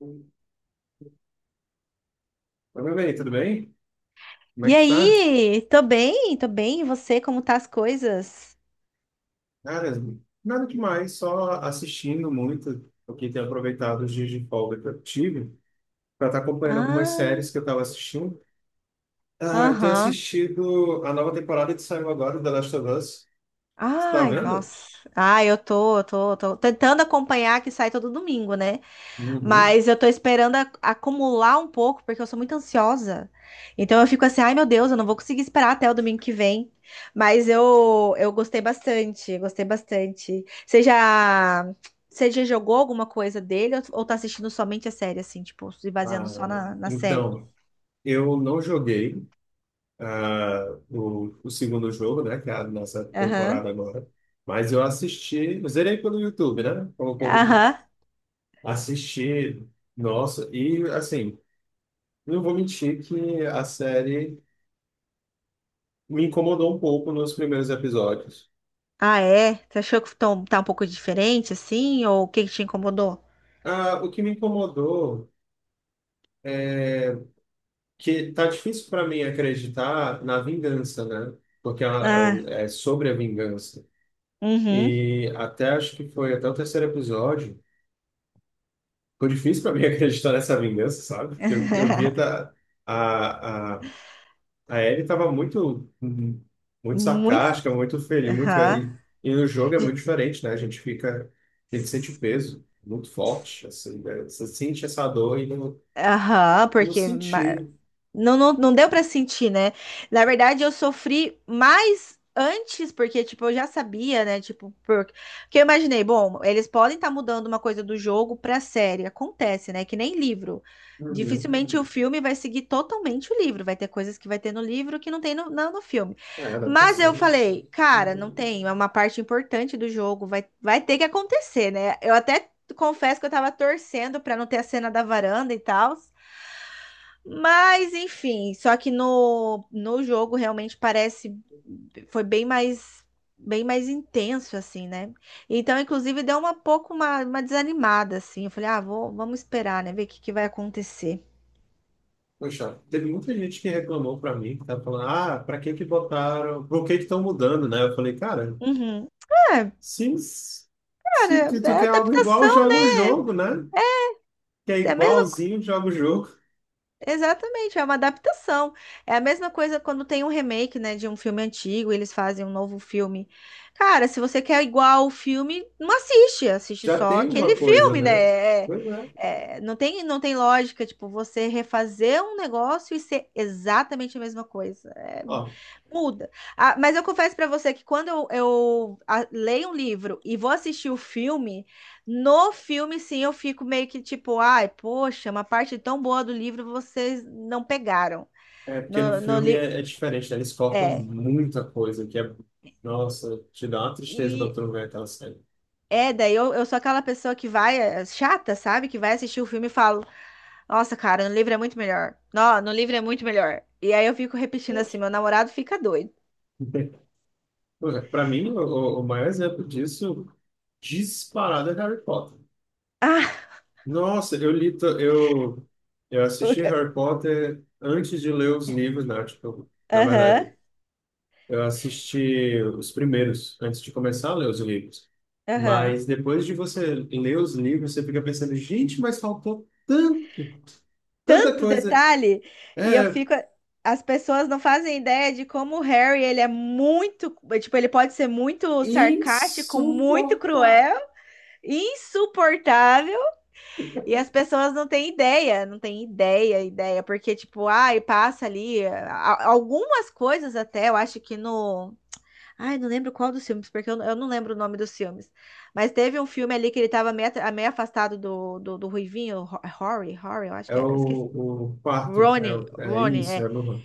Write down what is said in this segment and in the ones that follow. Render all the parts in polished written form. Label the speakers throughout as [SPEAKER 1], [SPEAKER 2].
[SPEAKER 1] Oi, meu bem, tudo bem? Como é
[SPEAKER 2] E
[SPEAKER 1] que tu tá?
[SPEAKER 2] aí? Tô bem, tô bem. E você, como tá as coisas?
[SPEAKER 1] Cara, nada demais, só assistindo muito, porque tenho aproveitado os dias de folga que eu tive para estar acompanhando algumas
[SPEAKER 2] Ah,
[SPEAKER 1] séries que eu estava assistindo. Eu tenho
[SPEAKER 2] aham.
[SPEAKER 1] assistido a nova temporada que saiu agora, The Last of Us. Você tá
[SPEAKER 2] Ai,
[SPEAKER 1] vendo?
[SPEAKER 2] nossa. Ai, eu tô, tô tentando acompanhar que sai todo domingo, né?
[SPEAKER 1] Uhum.
[SPEAKER 2] Mas eu tô esperando acumular um pouco, porque eu sou muito ansiosa. Então eu fico assim, ai meu Deus, eu não vou conseguir esperar até o domingo que vem. Mas eu gostei bastante, gostei bastante. Você já jogou alguma coisa dele ou tá assistindo somente a série, assim, tipo, se baseando
[SPEAKER 1] Ah,
[SPEAKER 2] só na série?
[SPEAKER 1] então, eu não joguei ah, o segundo jogo, né, que é a nossa
[SPEAKER 2] Aham,
[SPEAKER 1] temporada agora, mas eu assisti, eu zerei pelo YouTube, né, como o povo
[SPEAKER 2] aham.
[SPEAKER 1] diz. Assisti, nossa, e assim, não vou mentir que a série me incomodou um pouco nos primeiros episódios.
[SPEAKER 2] Ah, é? Você achou que tá um pouco diferente, assim? Ou o que que te incomodou?
[SPEAKER 1] Ah, o que me incomodou, que tá difícil para mim acreditar na vingança, né? Porque ela- é o-
[SPEAKER 2] Ah,
[SPEAKER 1] é sobre a vingança.
[SPEAKER 2] uhum.
[SPEAKER 1] E até acho que foi até o terceiro episódio, foi difícil para mim acreditar nessa vingança, sabe? Porque eu via da, a A Ellie estava muito, Uhum. muito
[SPEAKER 2] Muito.
[SPEAKER 1] sarcástica, muito feliz, muito...
[SPEAKER 2] Aham.
[SPEAKER 1] E, e no jogo é muito
[SPEAKER 2] De-
[SPEAKER 1] diferente, né? A gente fica, a gente sente peso muito forte, assim, né? Você sente essa dor e não,
[SPEAKER 2] Aham,
[SPEAKER 1] não
[SPEAKER 2] porque ma-
[SPEAKER 1] sentiu.
[SPEAKER 2] Não, não, não deu pra sentir, né? Na verdade, eu sofri mais antes, porque, tipo, eu já sabia, né? Tipo, porque eu imaginei, bom, eles podem estar mudando uma coisa do jogo pra série. Acontece, né? Que nem livro.
[SPEAKER 1] Uhum.
[SPEAKER 2] Dificilmente o Uhum. filme vai seguir totalmente o livro. Vai ter coisas que vai ter no livro que não tem não no filme.
[SPEAKER 1] É,
[SPEAKER 2] Mas
[SPEAKER 1] adaptação.
[SPEAKER 2] eu
[SPEAKER 1] Né?
[SPEAKER 2] falei, cara, não tem. É uma parte importante do jogo. Vai ter que acontecer, né? Eu até confesso que eu tava torcendo pra não ter a cena da varanda e tal. Mas, enfim, só que no jogo realmente parece foi bem mais intenso assim, né? Então, inclusive, deu uma pouco uma desanimada assim. Eu falei: "Ah, vou, vamos esperar, né, ver o que que vai acontecer".
[SPEAKER 1] Poxa, teve muita gente que reclamou pra mim, que tava falando, ah, pra que que botaram, por que que estão mudando, né? Eu falei, cara,
[SPEAKER 2] Uhum. É,
[SPEAKER 1] se, se
[SPEAKER 2] cara,
[SPEAKER 1] tu
[SPEAKER 2] é
[SPEAKER 1] quer algo igual,
[SPEAKER 2] adaptação,
[SPEAKER 1] joga o jogo, né? Que é
[SPEAKER 2] é a mesma
[SPEAKER 1] igualzinho, joga o jogo.
[SPEAKER 2] Exatamente, é uma adaptação. É a mesma coisa quando tem um remake, né, de um filme antigo, eles fazem um novo filme. Cara, se você quer igual o filme, não assiste, assiste
[SPEAKER 1] Já
[SPEAKER 2] só
[SPEAKER 1] tem uma
[SPEAKER 2] aquele
[SPEAKER 1] coisa,
[SPEAKER 2] filme, né?
[SPEAKER 1] né?
[SPEAKER 2] É-
[SPEAKER 1] Pois é.
[SPEAKER 2] é, não tem, não tem lógica, tipo, você refazer um negócio e ser exatamente a mesma coisa. É,
[SPEAKER 1] Ó,
[SPEAKER 2] muda. Ah, mas eu confesso pra você que quando leio um livro e vou assistir o filme. No filme, sim, eu fico meio que tipo, ai, poxa, uma parte tão boa do livro vocês não pegaram.
[SPEAKER 1] é
[SPEAKER 2] No,
[SPEAKER 1] porque no
[SPEAKER 2] Meu no
[SPEAKER 1] filme
[SPEAKER 2] li... Deus.
[SPEAKER 1] é, é diferente, né? Eles cortam
[SPEAKER 2] É,
[SPEAKER 1] muita coisa, que é... Nossa, te dá uma tristeza quando
[SPEAKER 2] e
[SPEAKER 1] tu não vê aquela série.
[SPEAKER 2] é, daí eu sou aquela pessoa que vai, é, chata, sabe? Que vai assistir o filme e falo, nossa, cara, no livro é muito melhor. Não, no livro é muito melhor. E aí eu fico repetindo assim,
[SPEAKER 1] Poxa.
[SPEAKER 2] meu namorado fica doido.
[SPEAKER 1] Pois é, pra mim, o maior exemplo disso, disparado, é Harry Potter.
[SPEAKER 2] Ah,
[SPEAKER 1] Nossa, eu li... to- eu assisti
[SPEAKER 2] o-
[SPEAKER 1] Harry Potter antes de ler os livros, né? Tipo, na
[SPEAKER 2] aham,
[SPEAKER 1] verdade, eu assisti os primeiros, antes de começar a ler os livros.
[SPEAKER 2] aham.
[SPEAKER 1] Mas depois de você ler os livros, você fica pensando, gente, mas faltou tanto, tanta
[SPEAKER 2] tanto
[SPEAKER 1] coisa
[SPEAKER 2] detalhe e eu fico. As pessoas não fazem ideia de como o Harry, ele é muito, tipo, ele pode ser muito sarcástico, muito
[SPEAKER 1] insuportável.
[SPEAKER 2] cruel, insuportável, e as pessoas não têm ideia, não têm ideia, ideia, porque tipo, ai, passa ali algumas coisas até, eu acho que no, ai, não lembro qual dos filmes, porque eu não lembro o nome dos filmes, mas teve um filme ali que ele tava meio, meio afastado do Ruivinho, Rory, Rory, eu acho que
[SPEAKER 1] É
[SPEAKER 2] era, eu
[SPEAKER 1] o quarto, é,
[SPEAKER 2] Ronnie,
[SPEAKER 1] o- é
[SPEAKER 2] Ronnie,
[SPEAKER 1] isso, é
[SPEAKER 2] é.
[SPEAKER 1] o,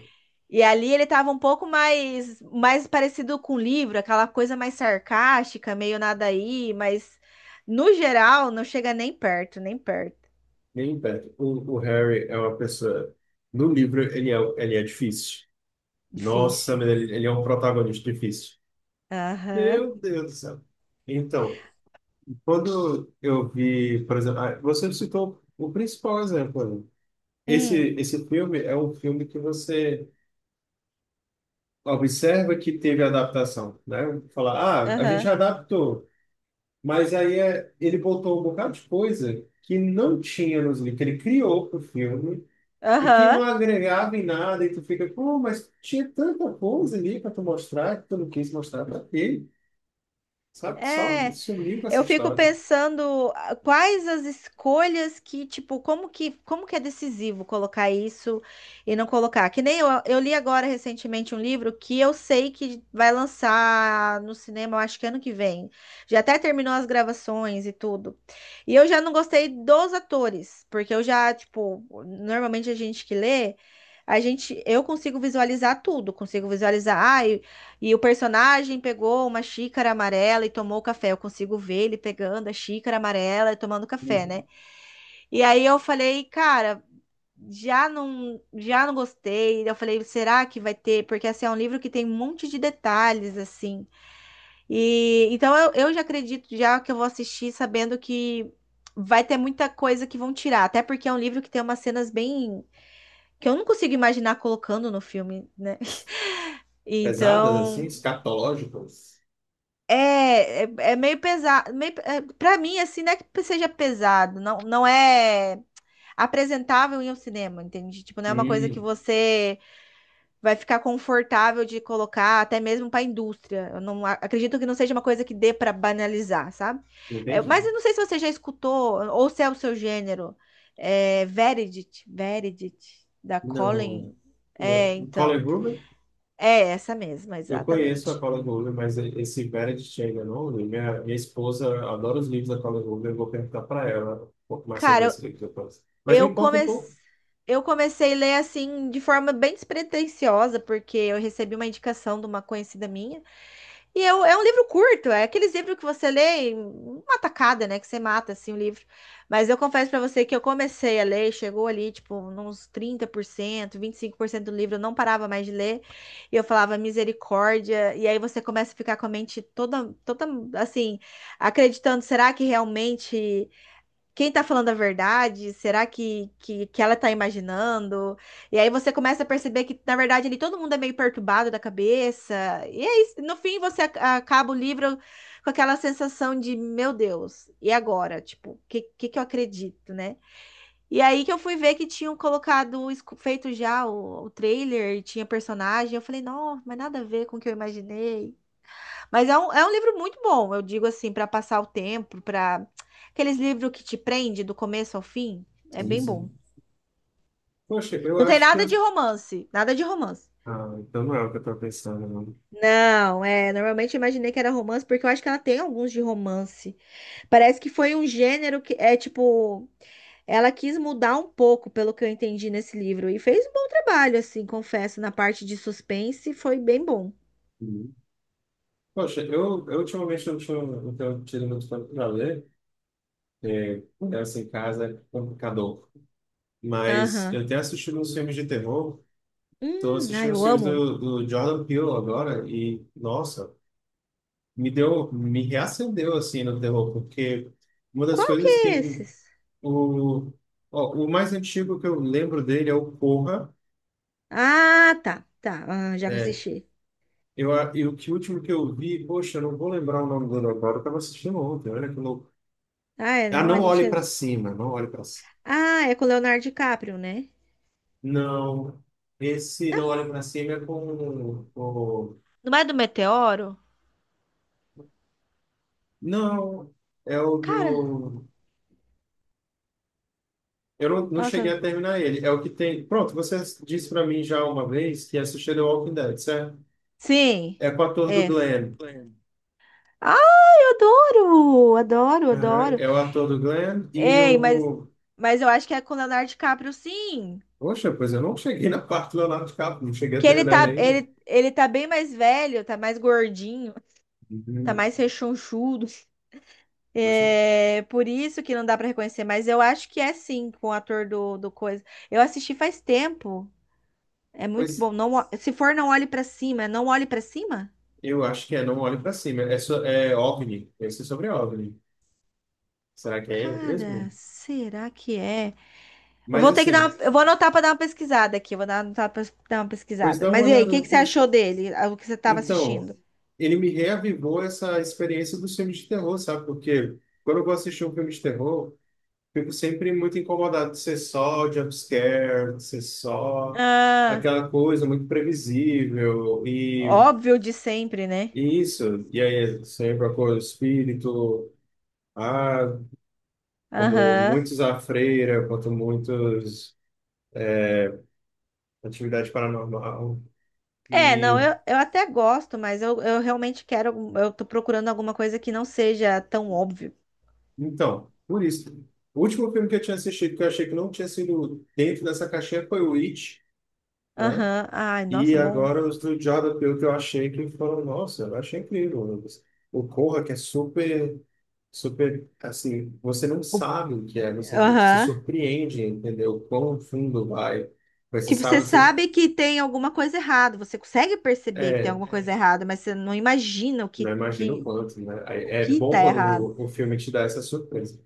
[SPEAKER 2] E ali ele tava um pouco mais, mais parecido com o livro, aquela coisa mais sarcástica, meio nada aí, mas no geral não chega nem perto, nem perto.
[SPEAKER 1] nem perto. O Harry é uma pessoa. No livro, ele é difícil. Nossa,
[SPEAKER 2] Difícil.
[SPEAKER 1] mas ele é um protagonista difícil.
[SPEAKER 2] Aham.
[SPEAKER 1] Meu Deus do céu. Então, quando eu vi, por exemplo, ah, você citou o principal exemplo. Né? Esse,
[SPEAKER 2] Hum,
[SPEAKER 1] esse filme é um filme que você observa que teve adaptação, né? Falar, ah, a gente
[SPEAKER 2] aham.
[SPEAKER 1] adaptou, mas aí é, ele botou um bocado de coisa que não tinha nos livros, que ele criou para o filme e que não
[SPEAKER 2] Aham.
[SPEAKER 1] agregava em nada, e tu fica, pô, mas tinha tanta coisa ali para tu mostrar que tu não quis mostrar para ele, sabe? Só
[SPEAKER 2] É.
[SPEAKER 1] sumiu com
[SPEAKER 2] Eu
[SPEAKER 1] essa
[SPEAKER 2] fico
[SPEAKER 1] história.
[SPEAKER 2] pensando ah, quais as escolhas que, tipo, como que é decisivo colocar isso e não colocar? Que nem eu li agora recentemente um livro que eu sei que vai lançar no cinema, eu acho que ano que vem. Já até terminou as gravações e tudo. E eu já não gostei dos atores, porque eu já, tipo, normalmente a gente que lê, a gente, eu consigo visualizar tudo, consigo visualizar, ah, e o personagem pegou uma xícara amarela e tomou café. Eu consigo ver ele pegando a xícara amarela e tomando café, né? E aí eu falei, cara, já não gostei. Eu falei, será que vai ter? Porque assim, é um livro que tem um monte de detalhes, assim. E então eu já acredito já que eu vou assistir sabendo que vai ter muita coisa que vão tirar, até porque é um livro que tem umas cenas bem que eu não consigo imaginar colocando no filme, né?
[SPEAKER 1] Pesadas, assim,
[SPEAKER 2] Então,
[SPEAKER 1] escatológicas.
[SPEAKER 2] É meio pesado, meio, é, pra mim, assim, não é que seja pesado, não é apresentável em um cinema, entende? Tipo, não é uma coisa que
[SPEAKER 1] Hum,
[SPEAKER 2] você vai ficar confortável de colocar, até mesmo pra indústria. Eu não acredito que não seja uma coisa que dê pra banalizar, sabe? É, mas
[SPEAKER 1] entendi.
[SPEAKER 2] eu não sei se você já escutou, ou se é o seu gênero, é, Verity, da
[SPEAKER 1] Não,
[SPEAKER 2] Colin. É,
[SPEAKER 1] o Colin
[SPEAKER 2] então,
[SPEAKER 1] Gruber,
[SPEAKER 2] é essa mesma,
[SPEAKER 1] eu conheço a
[SPEAKER 2] exatamente.
[SPEAKER 1] Colin Gruber, mas esse Verity chega, não. li. Minha esposa adora os livros da Colin Gruber, eu vou perguntar para ela um pouco mais sobre
[SPEAKER 2] Cara,
[SPEAKER 1] esse livro depois. Mas
[SPEAKER 2] Eu
[SPEAKER 1] me conta um
[SPEAKER 2] comecei,
[SPEAKER 1] pouco.
[SPEAKER 2] eu comecei a ler assim de forma bem despretensiosa, porque eu recebi uma indicação de uma conhecida minha. E eu, é um livro curto, é aqueles livros que você lê em uma tacada, né? Que você mata assim o livro. Mas eu confesso pra você que eu comecei a ler, chegou ali, tipo, uns 30%, 25% do livro, eu não parava mais de ler. E eu falava misericórdia. E aí você começa a ficar com a mente toda, toda assim, acreditando, será que realmente quem tá falando a verdade? Será que ela tá imaginando? E aí você começa a perceber que, na verdade, ali todo mundo é meio perturbado da cabeça. E aí, no fim, você acaba o livro com aquela sensação de, meu Deus, e agora? Tipo, o que eu acredito, né? E aí que eu fui ver que tinham colocado, feito já o trailer, e tinha personagem. Eu falei, não, mas nada a ver com o que eu imaginei. Mas é é um livro muito bom, eu digo assim, para passar o tempo, para aqueles livros que te prende do começo ao fim, é
[SPEAKER 1] Sim,
[SPEAKER 2] bem bom.
[SPEAKER 1] sim. Poxa, eu
[SPEAKER 2] Não tem
[SPEAKER 1] acho que. Eu-
[SPEAKER 2] nada de romance, nada de romance.
[SPEAKER 1] Ah, então não é o que eu estou pensando, não.
[SPEAKER 2] Não, é, normalmente eu imaginei que era romance, porque eu acho que ela tem alguns de romance. Parece que foi um gênero que é tipo, ela quis mudar um pouco, pelo que eu entendi nesse livro, e fez um bom trabalho, assim, confesso, na parte de suspense, foi bem bom.
[SPEAKER 1] Uhum. Poxa, eu ultimamente não, tinha, não tenho tido muito tempo para ler, é, essa em casa é complicador. Mas
[SPEAKER 2] Aham.
[SPEAKER 1] eu tenho assistido uns filmes de terror. Estou
[SPEAKER 2] Ai,
[SPEAKER 1] assistindo os
[SPEAKER 2] eu
[SPEAKER 1] filmes
[SPEAKER 2] amo.
[SPEAKER 1] do, do Jordan Peele agora e, nossa, me deu, me reacendeu assim no terror, porque uma das
[SPEAKER 2] Qual que
[SPEAKER 1] coisas
[SPEAKER 2] é
[SPEAKER 1] que
[SPEAKER 2] esses?
[SPEAKER 1] o, ó, o mais antigo que eu lembro dele é o Corra.
[SPEAKER 2] Ah, tá, tá. Ah, já
[SPEAKER 1] É,
[SPEAKER 2] assisti.
[SPEAKER 1] eu, a- e o que último que eu vi, poxa, eu não vou lembrar o nome dele agora, eu estava assistindo ontem, olha que louco.
[SPEAKER 2] Ah, é,
[SPEAKER 1] Ah,
[SPEAKER 2] não, a
[SPEAKER 1] não
[SPEAKER 2] gente
[SPEAKER 1] olhe
[SPEAKER 2] é...
[SPEAKER 1] para cima, não olhe para
[SPEAKER 2] Ah, é com o Leonardo DiCaprio, né?
[SPEAKER 1] não, esse
[SPEAKER 2] Não,
[SPEAKER 1] não olhe pra cima é com o.
[SPEAKER 2] não é do Meteoro?
[SPEAKER 1] Não, é o
[SPEAKER 2] Cara,
[SPEAKER 1] do. Eu não, não cheguei
[SPEAKER 2] nossa.
[SPEAKER 1] a terminar ele. É o que tem. Pronto, você disse pra mim já uma vez que assistiu The Walking Dead, certo?
[SPEAKER 2] Sim,
[SPEAKER 1] É com o ator do
[SPEAKER 2] é.
[SPEAKER 1] Glenn.
[SPEAKER 2] Ah, eu adoro, adoro,
[SPEAKER 1] Aham,
[SPEAKER 2] adoro.
[SPEAKER 1] é o ator do Glenn e
[SPEAKER 2] Ei,
[SPEAKER 1] o.
[SPEAKER 2] mas eu acho que é com o Leonardo DiCaprio, sim.
[SPEAKER 1] Poxa, pois eu não cheguei na parte do Leonardo DiCaprio, não cheguei a
[SPEAKER 2] Que ele
[SPEAKER 1] terminar ele
[SPEAKER 2] tá,
[SPEAKER 1] ainda.
[SPEAKER 2] ele tá bem mais velho, tá mais gordinho, tá
[SPEAKER 1] Uhum.
[SPEAKER 2] mais rechonchudo.
[SPEAKER 1] Poxa,
[SPEAKER 2] É por isso que não dá pra reconhecer, mas eu acho que é sim com o ator do coisa. Eu assisti faz tempo. É muito
[SPEAKER 1] pois
[SPEAKER 2] bom. Não, se for, não olhe pra cima. É Não olhe pra cima?
[SPEAKER 1] eu acho que é Não Olhe Pra Cima. É, so... é OVNI, esse é sobre OVNI. Será que é eu
[SPEAKER 2] Cara,
[SPEAKER 1] mesmo?
[SPEAKER 2] será que é? Eu
[SPEAKER 1] Mas
[SPEAKER 2] vou ter que dar
[SPEAKER 1] assim.
[SPEAKER 2] uma, eu vou anotar pra dar uma pesquisada aqui. Eu Vou dar, anotar pra dar uma
[SPEAKER 1] Pois
[SPEAKER 2] pesquisada.
[SPEAKER 1] dá uma
[SPEAKER 2] Mas e aí, o
[SPEAKER 1] olhada
[SPEAKER 2] que que você
[SPEAKER 1] depois.
[SPEAKER 2] achou dele? Ah, O que você tava
[SPEAKER 1] Então,
[SPEAKER 2] assistindo?
[SPEAKER 1] ele me reavivou essa experiência dos filmes de terror, sabe? Porque quando eu vou assistir um filme de terror, fico sempre muito incomodado de ser só jumpscare, de ser só
[SPEAKER 2] Ah,
[SPEAKER 1] aquela coisa muito previsível
[SPEAKER 2] óbvio de sempre, né?
[SPEAKER 1] e isso. E aí, sempre a cor espírito, ah, como
[SPEAKER 2] Aham.
[SPEAKER 1] muitos a freira, quanto muitos atividade paranormal.
[SPEAKER 2] É,
[SPEAKER 1] E
[SPEAKER 2] não, eu até gosto, mas eu realmente quero. Eu tô procurando alguma coisa que não seja tão óbvio.
[SPEAKER 1] então, por isso. O último filme que eu tinha assistido, que eu achei que não tinha sido dentro dessa caixinha, foi o It, né?
[SPEAKER 2] Aham. Ai,
[SPEAKER 1] E
[SPEAKER 2] nossa, bom.
[SPEAKER 1] agora os do Jordan Peele que eu achei que foram, nossa, eu achei incrível. Lucas. O Corra, que é super, super, assim, você não
[SPEAKER 2] O-
[SPEAKER 1] sabe o que é, você se
[SPEAKER 2] Aham.
[SPEAKER 1] surpreende, entendeu? Quão fundo vai. Mas você
[SPEAKER 2] Tipo,
[SPEAKER 1] sabe,
[SPEAKER 2] você
[SPEAKER 1] você,
[SPEAKER 2] sabe que tem alguma coisa errada, você consegue perceber que tem
[SPEAKER 1] é,
[SPEAKER 2] alguma coisa errada, mas você não imagina o
[SPEAKER 1] não imagina o quanto, né? Aí
[SPEAKER 2] o
[SPEAKER 1] é
[SPEAKER 2] que
[SPEAKER 1] bom
[SPEAKER 2] tá
[SPEAKER 1] quando
[SPEAKER 2] errado.
[SPEAKER 1] o filme te dá essa surpresa.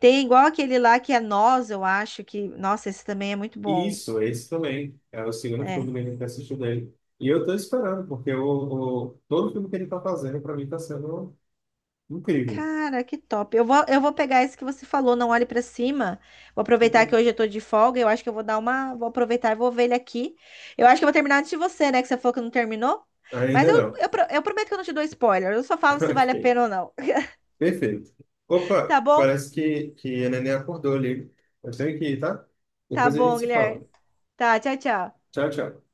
[SPEAKER 2] Tem igual aquele lá que é Nós, eu acho que. Nossa, esse também é muito bom.
[SPEAKER 1] Isso, esse também. É o segundo filme
[SPEAKER 2] É.
[SPEAKER 1] dele que a gente assistiu dele. E eu tô esperando, porque o- todo filme que ele tá fazendo, pra mim, tá sendo incrível.
[SPEAKER 2] Cara, que top. Eu vou pegar esse que você falou, não olhe pra cima. Vou aproveitar que hoje eu tô de folga. Eu acho que eu vou dar uma. Vou aproveitar e vou ver ele aqui. Eu acho que eu vou terminar antes de você, né? Que você falou que não terminou. Mas
[SPEAKER 1] Ainda não.
[SPEAKER 2] eu prometo que eu não te dou spoiler. Eu só falo se
[SPEAKER 1] Ok,
[SPEAKER 2] vale a pena ou não.
[SPEAKER 1] perfeito.
[SPEAKER 2] Tá
[SPEAKER 1] Opa,
[SPEAKER 2] bom?
[SPEAKER 1] parece que a neném acordou ali. Eu tenho que ir, tá?
[SPEAKER 2] Tá
[SPEAKER 1] Depois a gente
[SPEAKER 2] bom,
[SPEAKER 1] se
[SPEAKER 2] Guilherme.
[SPEAKER 1] fala.
[SPEAKER 2] Tá, tchau, tchau.
[SPEAKER 1] Tchau, tchau.